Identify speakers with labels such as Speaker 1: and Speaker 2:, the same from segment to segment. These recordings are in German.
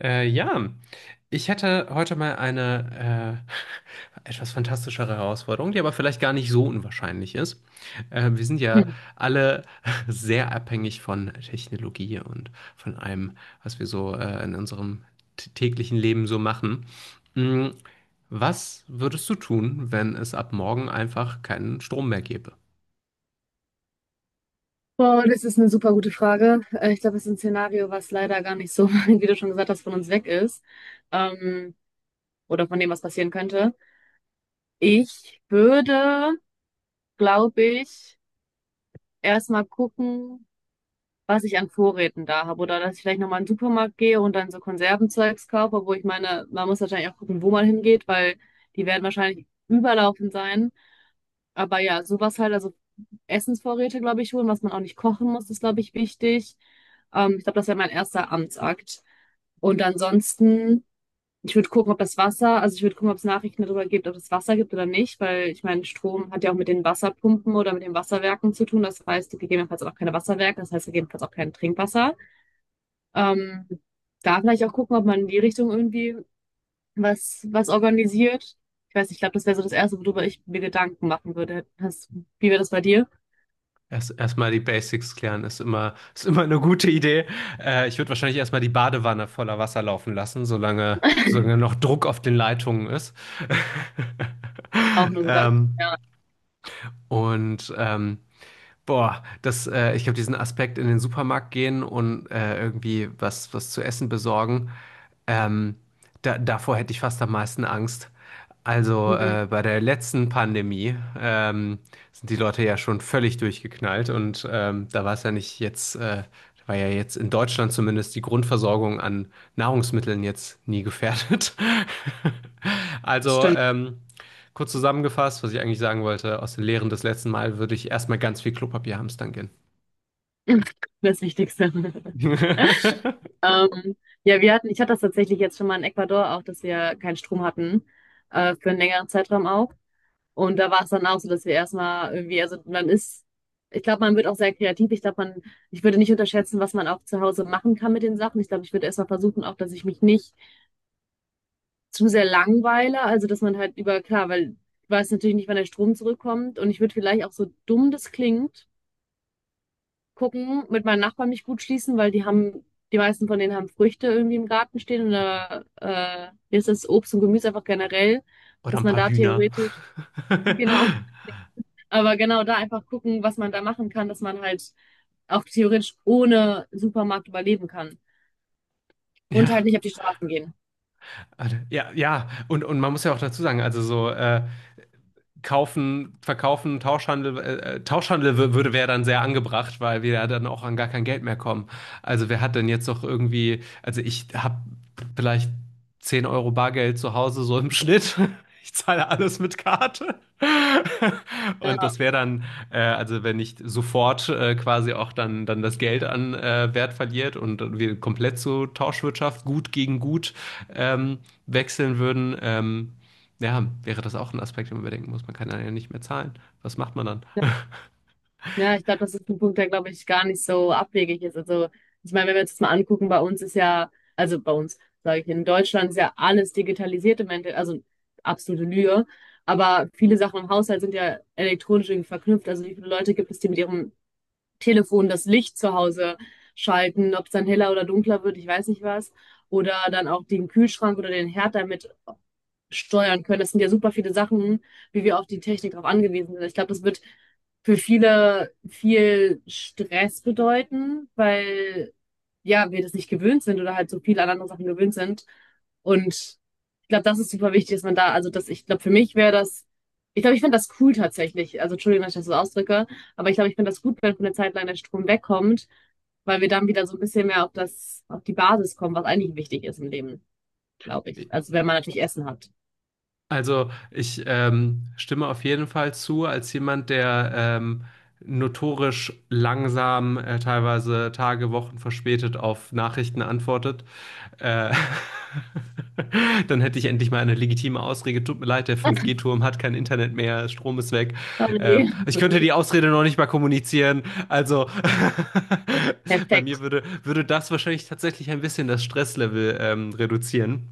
Speaker 1: Äh, ja, Ich hätte heute mal eine etwas fantastischere Herausforderung, die aber vielleicht gar nicht so unwahrscheinlich ist. Wir sind ja
Speaker 2: Hm.
Speaker 1: alle sehr abhängig von Technologie und von allem, was wir so in unserem täglichen Leben so machen. Mm, Was würdest du tun, wenn es ab morgen einfach keinen Strom mehr gäbe?
Speaker 2: Wow, das ist eine super gute Frage. Ich glaube, es ist ein Szenario, was leider gar nicht so, wie du schon gesagt hast, von uns weg ist. Ähm, oder von dem, was passieren könnte. Ich würde, glaube ich, erstmal gucken, was ich an Vorräten da habe. Oder dass ich vielleicht nochmal in den Supermarkt gehe und dann so Konservenzeugs kaufe, wo ich meine, man muss wahrscheinlich auch gucken, wo man hingeht, weil die werden wahrscheinlich überlaufen sein. Aber ja, sowas halt, also Essensvorräte, glaube ich, holen, was man auch nicht kochen muss, ist, glaube ich, wichtig. Ich glaube, das wäre mein erster Amtsakt. Und ansonsten, ich würde gucken, ob das Wasser, also ich würde gucken, ob es Nachrichten darüber gibt, ob es Wasser gibt oder nicht, weil ich meine, Strom hat ja auch mit den Wasserpumpen oder mit den Wasserwerken zu tun. Das heißt, gegebenenfalls auch keine Wasserwerke, das heißt gegebenenfalls auch kein Trinkwasser. Ähm, Da vielleicht auch gucken, ob man in die Richtung irgendwie was organisiert. Ich weiß nicht, ich glaube, das wäre so das Erste, worüber ich mir Gedanken machen würde. Wie wäre das bei dir?
Speaker 1: Erstmal die Basics klären ist immer eine gute Idee. Ich würde wahrscheinlich erstmal die Badewanne voller Wasser laufen lassen, solange noch Druck auf den Leitungen ist.
Speaker 2: Auch nur gedacht.
Speaker 1: Ähm,
Speaker 2: Ja.
Speaker 1: und ähm, Ich glaube, diesen Aspekt in den Supermarkt gehen und irgendwie was zu essen besorgen, ähm, davor hätte ich fast am meisten Angst. Also
Speaker 2: Mhm.
Speaker 1: bei der letzten Pandemie sind die Leute ja schon völlig durchgeknallt, und da war es ja nicht jetzt, da war ja jetzt in Deutschland zumindest die Grundversorgung an Nahrungsmitteln jetzt nie gefährdet. Also
Speaker 2: Stimmt,
Speaker 1: ähm, Kurz zusammengefasst, was ich eigentlich sagen wollte, aus den Lehren des letzten Mal würde ich erstmal ganz viel Klopapier hamstern gehen.
Speaker 2: das Wichtigste. Ähm, ja, ich hatte das tatsächlich jetzt schon mal in Ecuador auch, dass wir keinen Strom hatten, für einen längeren Zeitraum auch. Und da war es dann auch so, dass wir erstmal irgendwie, also ich glaube, man wird auch sehr kreativ. Ich würde nicht unterschätzen, was man auch zu Hause machen kann mit den Sachen. Ich glaube, ich würde erstmal versuchen, auch, dass ich mich nicht zu sehr langweile. Also, dass man halt über, klar, weil ich weiß natürlich nicht, wann der Strom zurückkommt. Und ich würde vielleicht auch, so dumm das klingt, gucken, mit meinen Nachbarn mich gut schließen, weil die haben, die meisten von denen haben Früchte irgendwie im Garten stehen oder hier ist das Obst und Gemüse einfach generell,
Speaker 1: Oder
Speaker 2: dass
Speaker 1: ein
Speaker 2: man
Speaker 1: paar
Speaker 2: da
Speaker 1: Hühner.
Speaker 2: theoretisch, genau, aber genau da einfach gucken, was man da machen kann, dass man halt auch theoretisch ohne Supermarkt überleben kann und halt
Speaker 1: ja,
Speaker 2: nicht auf die Straßen gehen.
Speaker 1: ja, ja. Und man muss ja auch dazu sagen, also so, kaufen, verkaufen, Tauschhandel, Tauschhandel wür- würde wäre dann sehr angebracht, weil wir ja dann auch an gar kein Geld mehr kommen. Also wer hat denn jetzt noch irgendwie, also ich habe vielleicht 10 Euro Bargeld zu Hause so im Schnitt. Ich zahle alles mit Karte. Und das wäre dann, also wenn nicht sofort quasi auch dann das Geld an Wert verliert und wir komplett zur Tauschwirtschaft gut gegen gut ähm, wechseln würden, ja, wäre das auch ein Aspekt, den man bedenken muss. Man kann dann ja nicht mehr zahlen. Was macht man dann?
Speaker 2: Ja, ich glaube, das ist ein Punkt, der, glaube ich, gar nicht so abwegig ist. Also, ich meine, wenn wir uns das mal angucken, bei uns ist ja, also bei uns, sage ich, in Deutschland ist ja alles digitalisiert im Endeffekt, also absolute Lüge. Aber viele Sachen im Haushalt sind ja elektronisch irgendwie verknüpft. Also, wie viele Leute gibt es, die mit ihrem Telefon das Licht zu Hause schalten, ob es dann heller oder dunkler wird, ich weiß nicht was. Oder dann auch den Kühlschrank oder den Herd damit steuern können. Das sind ja super viele Sachen, wie wir auf die Technik drauf angewiesen sind. Ich glaube, das wird für viele viel Stress bedeuten, weil ja, wir das nicht gewöhnt sind oder halt so viel an anderen Sachen gewöhnt sind. Und ich glaube, das ist super wichtig, dass man da, also das, ich glaube, für mich wäre das, ich glaube, ich finde das cool tatsächlich. Also Entschuldigung, dass ich das so ausdrücke, aber ich glaube, ich finde das gut, wenn für eine Zeit lang der Strom wegkommt, weil wir dann wieder so ein bisschen mehr auf das, auf die Basis kommen, was eigentlich wichtig ist im Leben, glaube ich. Also wenn man natürlich Essen hat.
Speaker 1: Also ich stimme auf jeden Fall zu, als jemand, der notorisch langsam, teilweise Tage, Wochen verspätet auf Nachrichten antwortet. Äh, dann hätte ich endlich mal eine legitime Ausrede. Tut mir leid, der 5G-Turm hat kein Internet mehr, Strom ist weg.
Speaker 2: Oh ne.
Speaker 1: Ich könnte die Ausrede noch nicht mal kommunizieren. Also bei mir
Speaker 2: Perfekt.
Speaker 1: würde das wahrscheinlich tatsächlich ein bisschen das Stresslevel reduzieren.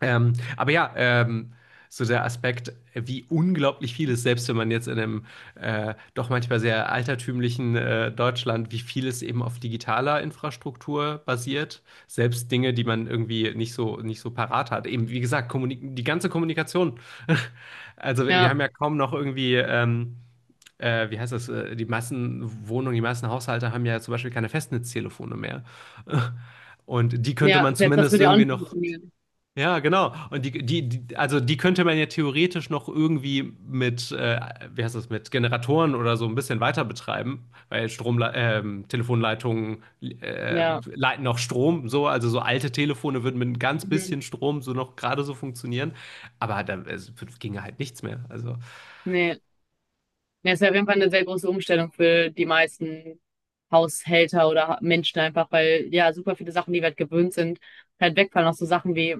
Speaker 1: Aber ja, so der Aspekt, wie unglaublich viel es, selbst wenn man jetzt in einem doch manchmal sehr altertümlichen Deutschland, wie viel es eben auf digitaler Infrastruktur basiert, selbst Dinge, die man irgendwie nicht so parat hat. Eben, wie gesagt, kommunik die ganze Kommunikation. Also wir
Speaker 2: Ja,
Speaker 1: haben ja kaum noch irgendwie wie heißt das, die Massenwohnungen, die Massenhaushalte haben ja zum Beispiel keine Festnetztelefone mehr. Und die könnte
Speaker 2: ja,
Speaker 1: man
Speaker 2: se das
Speaker 1: zumindest
Speaker 2: würde ja auch
Speaker 1: irgendwie
Speaker 2: nicht
Speaker 1: noch
Speaker 2: funktionieren.
Speaker 1: ja, genau. Und die, also die könnte man ja theoretisch noch irgendwie mit, wie heißt das, mit Generatoren oder so ein bisschen weiter betreiben, weil Telefonleitungen
Speaker 2: Ja.
Speaker 1: leiten noch Strom, so, also so alte Telefone würden mit ein ganz
Speaker 2: Mhm.
Speaker 1: bisschen Strom so noch gerade so funktionieren, aber da es ginge halt nichts mehr. Also
Speaker 2: Ne. Ja, ist ja auf jeden Fall eine sehr große Umstellung für die meisten Haushälter oder ha Menschen einfach, weil, ja, super viele Sachen, die wir halt gewöhnt sind, halt wegfallen. Auch so Sachen wie,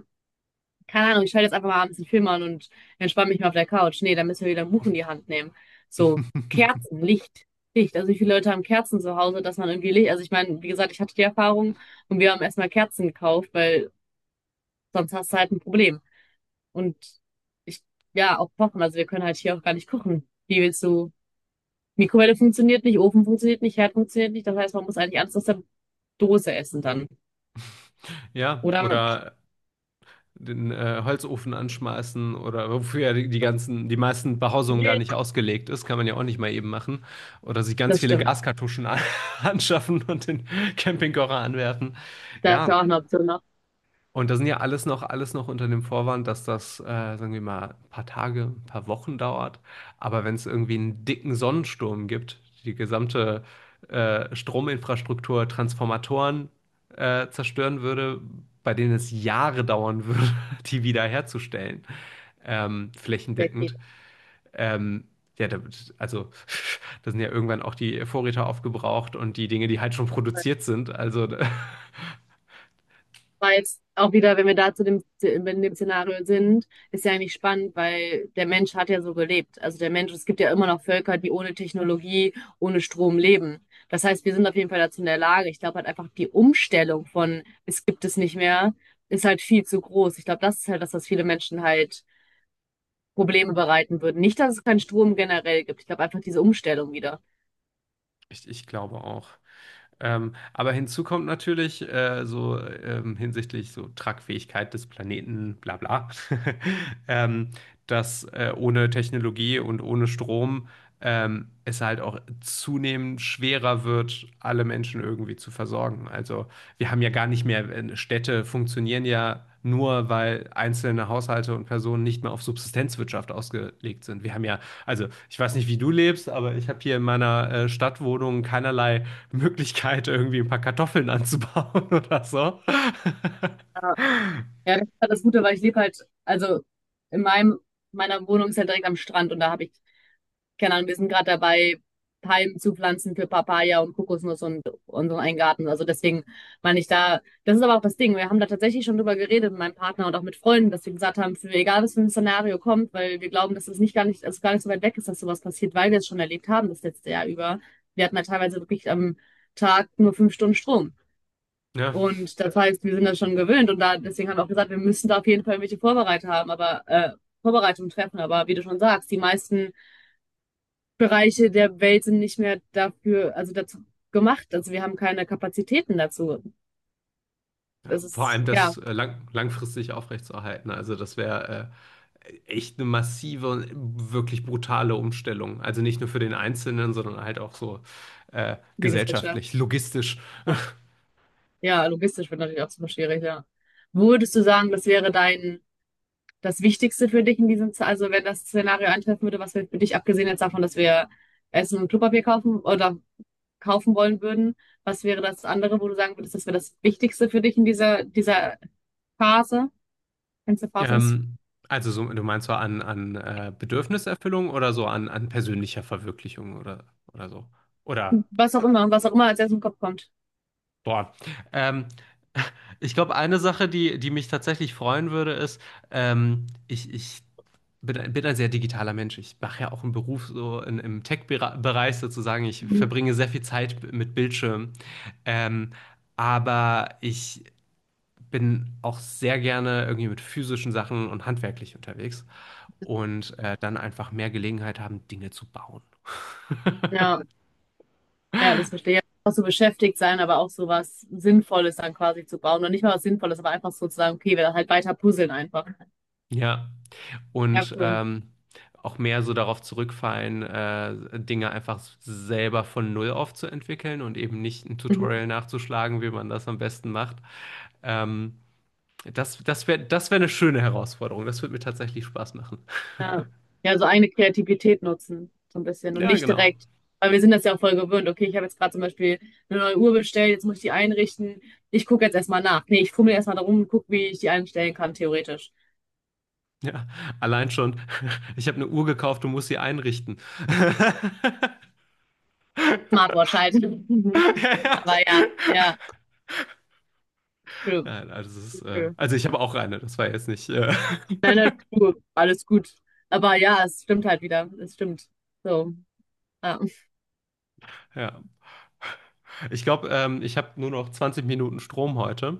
Speaker 2: keine Ahnung, ich schalte jetzt einfach mal abends 'n Film an und entspanne mich mal auf der Couch. Nee, dann müssen wir wieder 'n Buch in die Hand nehmen. So, Kerzen, Licht. Also, wie viele Leute haben Kerzen zu Hause, dass man irgendwie Licht, also, ich meine, wie gesagt, ich hatte die Erfahrung und wir haben erstmal Kerzen gekauft, weil sonst hast du halt ein Problem. Und ich, ja, auch kochen. Also wir können halt hier auch gar nicht kochen. Wie willst du? Mikrowelle funktioniert nicht, Ofen funktioniert nicht, Herd funktioniert nicht. Das heißt, man muss eigentlich alles aus der Dose essen dann.
Speaker 1: ja,
Speaker 2: Oder man,
Speaker 1: oder den Holzofen anschmeißen oder wofür ja die ganzen, die meisten Behausungen gar nicht ausgelegt ist, kann man ja auch nicht mal eben machen. Oder sich ganz
Speaker 2: das
Speaker 1: viele
Speaker 2: stimmt.
Speaker 1: Anschaffen und den Campingkocher anwerfen.
Speaker 2: Da ist
Speaker 1: Ja,
Speaker 2: ja auch eine Option noch.
Speaker 1: und das sind ja alles noch unter dem Vorwand, dass das, sagen wir mal, ein paar Tage, ein paar Wochen dauert. Aber wenn es irgendwie einen dicken Sonnensturm gibt, die gesamte Strominfrastruktur, Transformatoren zerstören würde, bei denen es Jahre dauern würde, die wiederherzustellen,
Speaker 2: Der Grill.
Speaker 1: flächendeckend. Ähm, ja, da, also da sind ja irgendwann auch die Vorräte aufgebraucht und die Dinge, die halt schon produziert sind. Also
Speaker 2: Weil jetzt auch wieder, wenn wir da zu dem, in dem Szenario sind, ist ja eigentlich spannend, weil der Mensch hat ja so gelebt. Also der Mensch, es gibt ja immer noch Völker, die ohne Technologie, ohne Strom leben. Das heißt, wir sind auf jeden Fall dazu in der Lage. Ich glaube halt einfach, die Umstellung von es gibt es nicht mehr, ist halt viel zu groß. Ich glaube, das ist halt das, was viele Menschen halt Probleme bereiten würden. Nicht, dass es keinen Strom generell gibt. Ich glaube einfach diese Umstellung wieder.
Speaker 1: ich glaube auch. Aber hinzu kommt natürlich hinsichtlich so Tragfähigkeit des Planeten, bla bla, ähm, dass ohne Technologie und ohne Strom es halt auch zunehmend schwerer wird, alle Menschen irgendwie zu versorgen. Also wir haben ja gar nicht mehr, Städte funktionieren ja nur, weil einzelne Haushalte und Personen nicht mehr auf Subsistenzwirtschaft ausgelegt sind. Wir haben ja also, ich weiß nicht, wie du lebst, aber ich habe hier in meiner Stadtwohnung keinerlei Möglichkeit, irgendwie ein paar Kartoffeln anzubauen oder so.
Speaker 2: Ja. Ja, das ist halt das Gute, weil ich lebe halt, also in meinem, meiner Wohnung ist halt direkt am Strand und da habe ich, keine Ahnung, wir sind gerade dabei, Palmen zu pflanzen für Papaya und Kokosnuss und unseren einen Garten. Also deswegen meine ich da, das ist aber auch das Ding. Wir haben da tatsächlich schon drüber geredet mit meinem Partner und auch mit Freunden, dass wir gesagt haben, für egal was für ein Szenario kommt, weil wir glauben, dass es nicht gar nicht, also gar nicht so weit weg ist, dass sowas passiert, weil wir es schon erlebt haben das letzte Jahr über. Wir hatten da teilweise wirklich am Tag nur fünf Stunden Strom.
Speaker 1: Ja,
Speaker 2: Und das heißt, wir sind das schon gewöhnt und da deswegen haben wir auch gesagt, wir müssen da auf jeden Fall irgendwelche Vorbereitungen haben, aber Vorbereitungen treffen. Aber wie du schon sagst, die meisten Bereiche der Welt sind nicht mehr dafür, also dazu gemacht. Also wir haben keine Kapazitäten dazu.
Speaker 1: ja,
Speaker 2: Das
Speaker 1: vor
Speaker 2: ist,
Speaker 1: allem
Speaker 2: ja,
Speaker 1: das langfristig aufrechtzuerhalten. Also, das wäre echt eine massive und wirklich brutale Umstellung. Also nicht nur für den Einzelnen, sondern halt auch so
Speaker 2: die Gesellschaft.
Speaker 1: gesellschaftlich, logistisch.
Speaker 2: Ja. Ja, logistisch wird natürlich auch super schwierig, ja. Würdest du sagen, das wäre das Wichtigste für dich in also wenn das Szenario eintreffen würde, was wäre für dich, abgesehen jetzt davon, dass wir Essen und Klopapier kaufen oder kaufen wollen würden, was wäre das andere, wo du sagen würdest, das wäre das Wichtigste für dich in dieser Phase, wenn es eine Phase ist?
Speaker 1: Ähm, also so, du meinst so an Bedürfniserfüllung oder so an persönlicher Verwirklichung oder so. Oder,
Speaker 2: Was auch immer als erstes im Kopf kommt.
Speaker 1: boah. Ähm, Ich glaube, eine Sache, die mich tatsächlich freuen würde, ist, ich bin ein sehr digitaler Mensch. Ich mache ja auch einen Beruf so im Tech-Bereich sozusagen. Ich
Speaker 2: Mhm.
Speaker 1: verbringe sehr viel Zeit mit Bildschirmen. Ähm, aber ich bin auch sehr gerne irgendwie mit physischen Sachen und handwerklich unterwegs und dann einfach mehr Gelegenheit haben, Dinge zu bauen.
Speaker 2: Ja. Ja, das verstehe ich. Auch so beschäftigt sein, aber auch so was Sinnvolles dann quasi zu bauen. Und nicht mal was Sinnvolles, aber einfach so zu sagen, okay, wir halt weiter puzzeln einfach.
Speaker 1: Ja,
Speaker 2: Ja,
Speaker 1: und
Speaker 2: cool.
Speaker 1: auch mehr so darauf zurückfallen, Dinge einfach selber von Null auf zu entwickeln und eben nicht ein
Speaker 2: Mhm.
Speaker 1: Tutorial nachzuschlagen, wie man das am besten macht. Ähm, das wäre das wär eine schöne Herausforderung. Das würde mir tatsächlich Spaß machen.
Speaker 2: Ja. Ja, so eigene Kreativität nutzen, so ein bisschen. Und
Speaker 1: Ja,
Speaker 2: nicht
Speaker 1: genau.
Speaker 2: direkt, weil wir sind das ja auch voll gewöhnt. Okay, ich habe jetzt gerade zum Beispiel eine neue Uhr bestellt, jetzt muss ich die einrichten. Ich gucke jetzt erstmal nach. Nee, ich fummel erstmal darum und gucke, wie ich die einstellen kann, theoretisch.
Speaker 1: Ja, allein schon, ich habe eine Uhr gekauft und muss sie einrichten.
Speaker 2: Smartwatch halt.
Speaker 1: Ja, ja.
Speaker 2: Aber ja, ja, true,
Speaker 1: Nein, also, es ist,
Speaker 2: true.
Speaker 1: also ich habe auch eine, das war jetzt nicht.
Speaker 2: Nein, nein, true. Alles gut. Aber ja, es stimmt halt wieder. Es stimmt. So. Ja,
Speaker 1: Ja. Ich glaube, ich habe nur noch 20 Minuten Strom heute.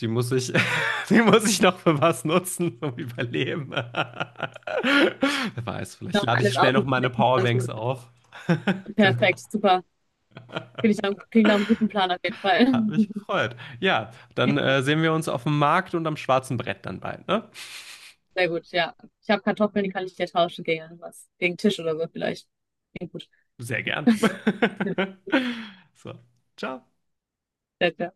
Speaker 1: Die muss ich, die muss ich noch für was nutzen, um überleben. Wer weiß, vielleicht
Speaker 2: noch
Speaker 1: lade ich
Speaker 2: alles
Speaker 1: schnell
Speaker 2: aus
Speaker 1: noch
Speaker 2: und
Speaker 1: meine
Speaker 2: letzten 20
Speaker 1: Powerbanks
Speaker 2: Minuten.
Speaker 1: auf. Genau.
Speaker 2: Perfekt, super. Finde ich dann, klingt nach einem guten Plan auf jeden Fall.
Speaker 1: Hat mich gefreut. Ja, dann sehen wir uns auf dem Markt und am schwarzen Brett dann bald, ne?
Speaker 2: Sehr gut, ja. Ich habe Kartoffeln, die kann ich dir tauschen gegen was, gegen Tisch oder so vielleicht. Klingt gut.
Speaker 1: Sehr gern.
Speaker 2: Sehr,
Speaker 1: So, ciao.
Speaker 2: sehr